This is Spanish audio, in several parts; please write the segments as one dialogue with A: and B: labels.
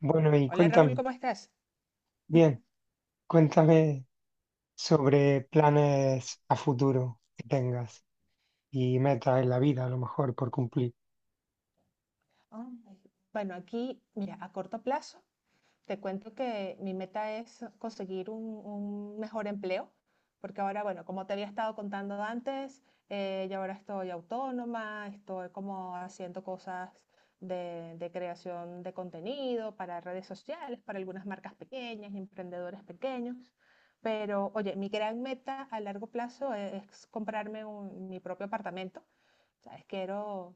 A: Bueno, y
B: Hola Raúl,
A: cuéntame,
B: ¿cómo estás?
A: bien, cuéntame sobre planes a futuro que tengas y metas en la vida, a lo mejor por cumplir,
B: Ah, bueno, aquí, mira, a corto plazo, te cuento que mi meta es conseguir un mejor empleo, porque ahora, bueno, como te había estado contando antes, yo ahora estoy autónoma, estoy como haciendo cosas de creación de contenido para redes sociales, para algunas marcas pequeñas, emprendedores pequeños. Pero, oye, mi gran meta a largo plazo es comprarme mi propio apartamento. ¿Sabes? Quiero.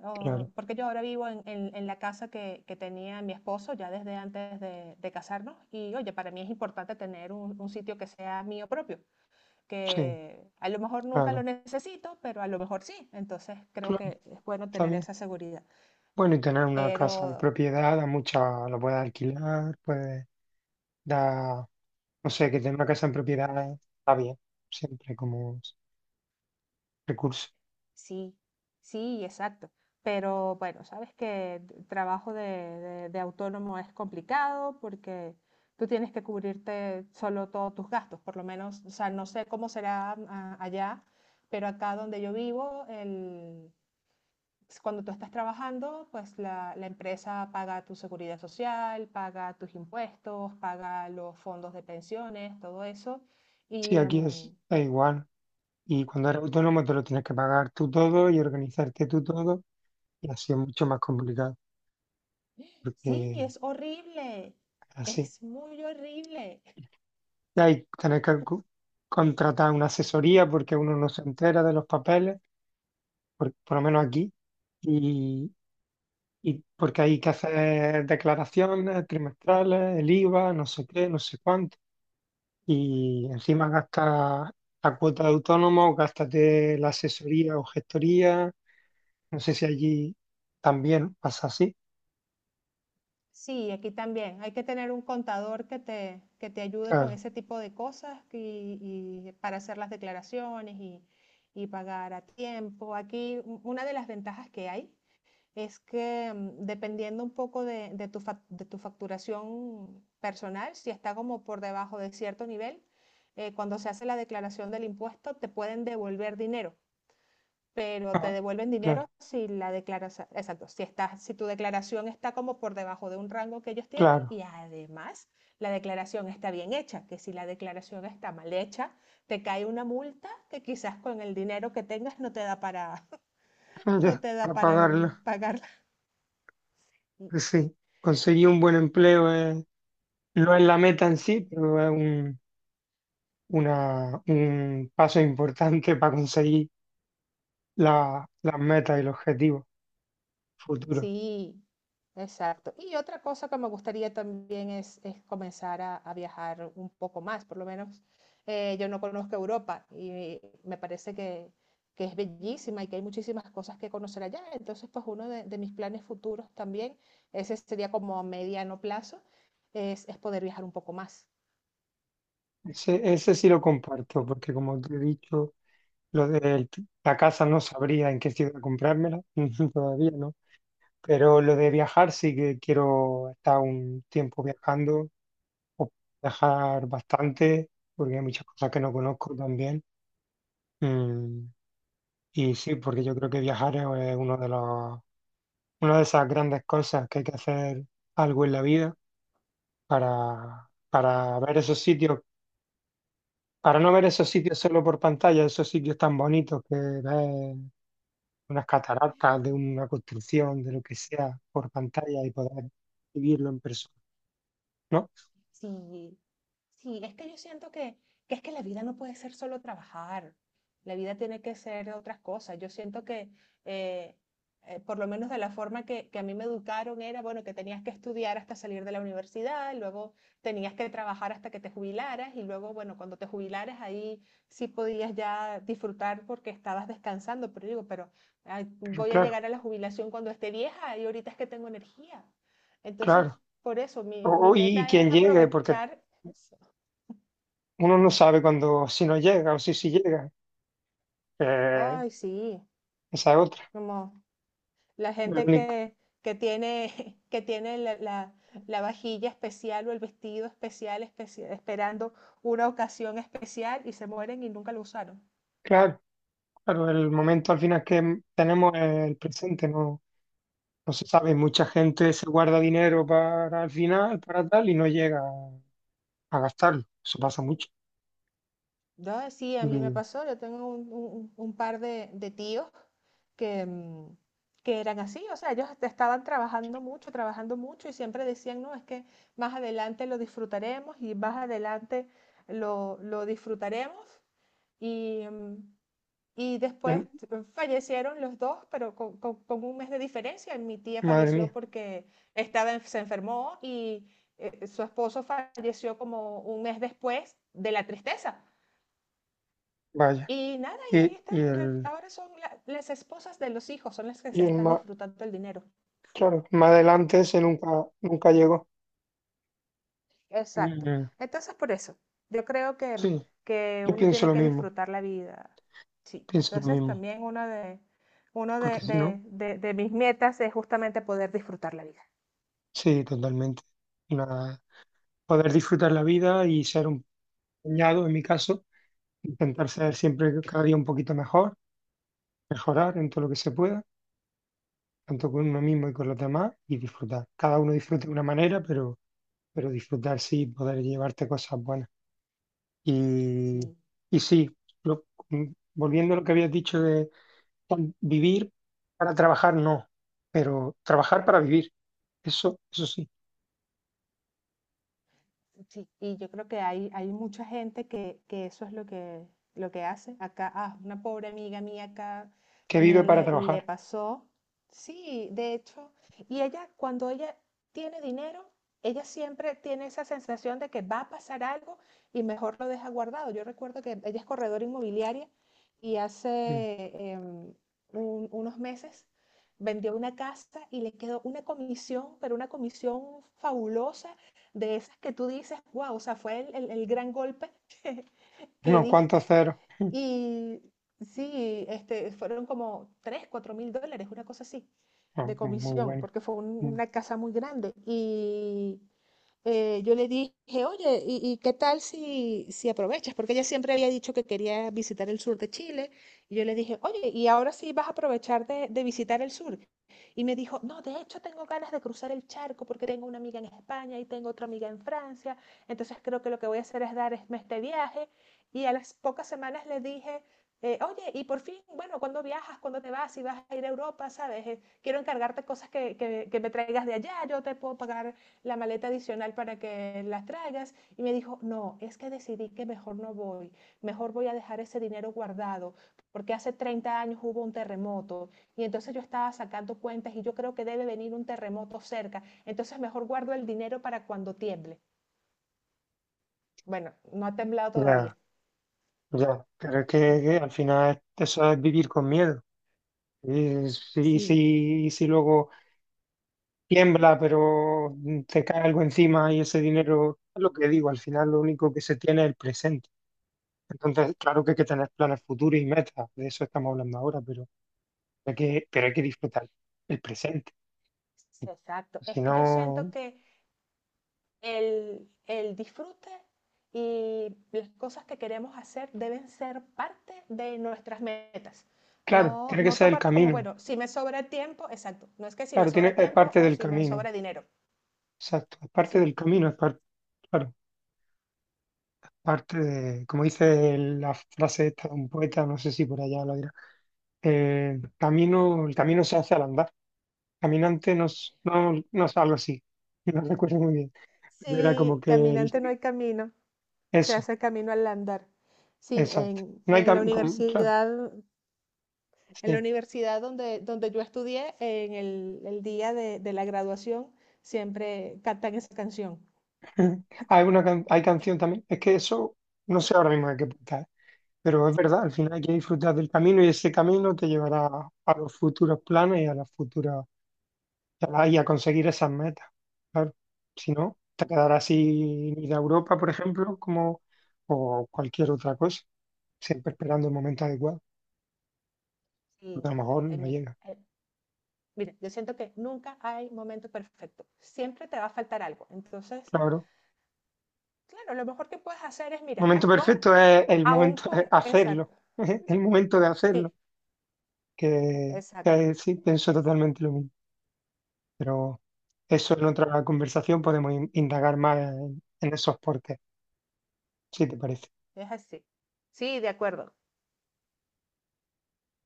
B: Oh,
A: claro.
B: porque yo ahora vivo en la casa que tenía mi esposo ya desde antes de casarnos, y oye, para mí es importante tener un sitio que sea mío propio,
A: Sí,
B: que a lo mejor nunca lo
A: claro,
B: necesito, pero a lo mejor sí, entonces creo
A: claro,
B: que es bueno
A: está
B: tener
A: bien.
B: esa seguridad.
A: Bueno, y tener una casa en
B: Pero
A: propiedad, a mucha lo puedes alquilar, puedes dar, no sé, que tener una casa en propiedad está bien, siempre como recurso.
B: sí, sí, exacto. Pero bueno, sabes que el trabajo de autónomo es complicado porque tú tienes que cubrirte solo todos tus gastos, por lo menos, o sea, no sé cómo será allá, pero acá donde yo vivo, el, pues, cuando tú estás trabajando, pues la empresa paga tu seguridad social, paga tus impuestos, paga los fondos de pensiones, todo eso.
A: Sí,
B: Y
A: aquí es, da igual. Y cuando eres
B: sí,
A: autónomo te lo tienes que pagar tú todo y organizarte tú todo, y así es mucho más complicado,
B: sí,
A: porque
B: es horrible,
A: así.
B: es muy horrible.
A: Y ahí tenés que contratar una asesoría porque uno no se entera de los papeles, por lo menos aquí, y, y porque hay que hacer declaraciones trimestrales, el IVA, no sé qué, no sé cuánto, y encima gastas la cuota de autónomo, gástate la asesoría o gestoría, no sé si allí también pasa así,
B: Sí, aquí también hay que tener un contador que te ayude con
A: claro,
B: ese tipo de cosas, y para hacer las declaraciones y pagar a tiempo. Aquí una de las ventajas que hay es que dependiendo un poco de, de tu facturación personal, si está como por debajo de cierto nivel, cuando se hace la declaración del impuesto, te pueden devolver dinero. Pero te
A: ah,
B: devuelven
A: claro,
B: dinero si la declaración, exacto, si tu declaración está como por debajo de un rango que ellos tienen,
A: claro.
B: y además la declaración está bien hecha, que si la declaración está mal hecha, te cae una multa que quizás con el dinero que tengas no te da para, no
A: Ya,
B: te da
A: para
B: para
A: pagarlo,
B: pagarla.
A: sí, conseguir un buen empleo es... No es la meta en sí, pero es un, una, un paso importante para conseguir las metas y los objetivos futuros.
B: Sí, exacto. Y otra cosa que me gustaría también es comenzar a viajar un poco más, por lo menos yo no conozco Europa y me parece que es bellísima y que hay muchísimas cosas que conocer allá. Entonces, pues uno de mis planes futuros también, ese sería como a mediano plazo, es poder viajar un poco más.
A: Ese sí lo comparto, porque como te he dicho, lo de la casa no sabría en qué ciudad comprármela, todavía no. Pero lo de viajar sí que quiero estar un tiempo viajando, o viajar bastante, porque hay muchas cosas que no conozco también. Mm, y sí, porque yo creo que viajar es uno de los, una de esas grandes cosas que hay que hacer algo en la vida para ver esos sitios, para no ver esos sitios solo por pantalla, esos sitios tan bonitos que ves unas cataratas de una construcción, de lo que sea, por pantalla y poder vivirlo en persona, ¿no?
B: Sí, sí, es que yo siento que es que la vida no puede ser solo trabajar, la vida tiene que ser otras cosas. Yo siento que, eh, por lo menos de la forma que a mí me educaron, era, bueno, que tenías que estudiar hasta salir de la universidad, luego tenías que trabajar hasta que te jubilaras, y luego, bueno, cuando te jubilaras ahí sí podías ya disfrutar porque estabas descansando, pero digo, pero ay,
A: Pero
B: voy a
A: claro,
B: llegar a la jubilación cuando esté vieja, y ahorita es que tengo energía. Entonces,
A: claro.
B: por eso mi, mi
A: Y, y
B: meta
A: quien
B: es
A: llegue, porque
B: aprovechar.
A: uno no sabe cuando, si no llega o si sí llega. Eh,
B: Ay, sí,
A: Esa es otra.
B: como la
A: El
B: gente
A: único-
B: que tiene, que tiene la vajilla especial o el vestido especial, esperando una ocasión especial, y se mueren y nunca lo usaron.
A: claro, claro, el momento al final que tenemos es el presente, no, no se sabe, mucha gente se guarda dinero para el final, para tal, y no llega a gastarlo. Eso pasa mucho.
B: Yo, sí, a
A: Y
B: mí me pasó, yo tengo un par de tíos que, mm, que eran así, o sea, ellos estaban trabajando mucho, trabajando mucho, y siempre decían, no, es que más adelante lo disfrutaremos, y más adelante lo disfrutaremos. Y, mm, Y después,
A: el-
B: fallecieron los dos, pero con un mes de diferencia. Mi tía
A: madre
B: falleció
A: mía,
B: porque se enfermó, y su esposo falleció como un mes después de la tristeza.
A: vaya.
B: Y nada, y ahí
A: Y,
B: están.
A: y el,
B: Ahora son las esposas de los hijos, son las que
A: y
B: se
A: el
B: están
A: más,
B: disfrutando el dinero.
A: claro, más adelante ese nunca, nunca llegó.
B: Exacto.
A: Mm,
B: Entonces, por eso, yo creo que,
A: sí,
B: que
A: yo
B: uno
A: pienso
B: tiene
A: lo
B: que
A: mismo,
B: disfrutar la vida. Sí.
A: pienso lo
B: Entonces,
A: mismo.
B: también una de, uno
A: Porque si no,
B: de mis metas es justamente poder disfrutar la vida.
A: sí, totalmente. Una- Poder disfrutar la vida y ser un puñado, en mi caso, intentar ser siempre cada día un poquito mejor, mejorar en todo lo que se pueda, tanto con uno mismo y con los demás, y disfrutar. Cada uno disfruta de una manera, pero disfrutar sí, poder llevarte cosas buenas. Y,
B: Sí,
A: y sí, volviendo a lo que habías dicho de vivir para trabajar, no, pero trabajar para vivir, eso sí,
B: sí, y yo creo que hay mucha gente que eso es lo que hace. Acá, una pobre amiga mía acá
A: que vive
B: también
A: para
B: le
A: trabajar.
B: pasó. Sí, de hecho, y ella, cuando ella tiene dinero, ella siempre tiene esa sensación de que va a pasar algo y mejor lo deja guardado. Yo recuerdo que ella es corredora inmobiliaria y
A: Mm.
B: hace unos meses vendió una casa y le quedó una comisión, pero una comisión fabulosa, de esas que tú dices, wow, o sea, fue el gran golpe que, que
A: Unos cuantos
B: diste.
A: ceros,
B: Y sí, este, fueron como 3 4 mil dólares, una cosa así, de
A: no, muy muy
B: comisión,
A: bueno.
B: porque fue
A: Mm.
B: una casa muy grande. Y yo le dije, oye, ¿y qué tal si aprovechas? Porque ella siempre había dicho que quería visitar el sur de Chile. Y yo le dije, oye, ¿y ahora sí vas a aprovechar de visitar el sur? Y me dijo, no, de hecho tengo ganas de cruzar el charco porque tengo una amiga en España y tengo otra amiga en Francia. Entonces creo que lo que voy a hacer es dar este viaje. Y a las pocas semanas le dije, oye, y por fin, bueno, ¿cuándo viajas? ¿Cuándo te vas? Si vas a ir a Europa, ¿sabes? Quiero encargarte cosas que me traigas de allá, yo te puedo pagar la maleta adicional para que las traigas. Y me dijo, no, es que decidí que mejor no voy, mejor voy a dejar ese dinero guardado, porque hace 30 años hubo un terremoto, y entonces yo estaba sacando cuentas y yo creo que debe venir un terremoto cerca, entonces mejor guardo el dinero para cuando tiemble. Bueno, no ha temblado todavía.
A: Ya, ya, pero es que al final eso es vivir con miedo. Y si,
B: Sí,
A: si, y si luego tiembla, pero te cae algo encima y ese dinero, es lo que digo, al final lo único que se tiene es el presente. Entonces, claro que hay que tener planes futuros y metas, de eso estamos hablando ahora, pero hay que disfrutar el presente.
B: exacto. Es
A: Si
B: que yo siento
A: no,
B: que el disfrute y las cosas que queremos hacer deben ser parte de nuestras metas.
A: claro,
B: No,
A: tiene que
B: no
A: ser el
B: tomarlo como,
A: camino.
B: bueno, si me sobra tiempo, exacto. No es que si me
A: Claro, tiene,
B: sobra
A: es
B: tiempo
A: parte
B: o
A: del
B: si me
A: camino.
B: sobra dinero.
A: Exacto, es parte
B: Sí.
A: del camino, es parte, claro, parte de, como dice la frase esta de un poeta, no sé si por allá lo dirá, camino, el camino se hace al andar. Caminante no, no, no es algo así, no recuerdo muy bien, pero era como
B: Sí,
A: que
B: caminante no hay camino, se
A: eso,
B: hace camino al andar. Sí,
A: exacto.
B: en,
A: No hay
B: en la
A: claro.
B: universidad, en la
A: Sí.
B: universidad donde, yo estudié, en el día de la graduación, siempre cantan esa canción.
A: Mm. Hay una hay canción también. Es que eso no sé ahora mismo de qué punta es, pero es verdad, al final hay que disfrutar del camino y ese camino te llevará a los futuros planes y a las futuras y a conseguir esas metas. Claro. Si no, te quedarás sin ir a Europa, por ejemplo, como o cualquier otra cosa, siempre esperando el momento adecuado, porque
B: Sí,
A: a lo mejor
B: ay,
A: no
B: mira,
A: llega.
B: miren, yo siento que nunca hay momento perfecto. Siempre te va a faltar algo. Entonces,
A: Claro.
B: claro, lo mejor que puedes hacer es, mira,
A: Momento
B: actuar
A: perfecto es el
B: aún
A: momento de
B: con.
A: hacerlo,
B: Exacto,
A: el momento de
B: sí,
A: hacerlo,
B: exacto,
A: que sí, pienso totalmente lo mismo. Pero eso en otra conversación podemos indagar más en esos porqués, si te parece.
B: es así. Sí, de acuerdo.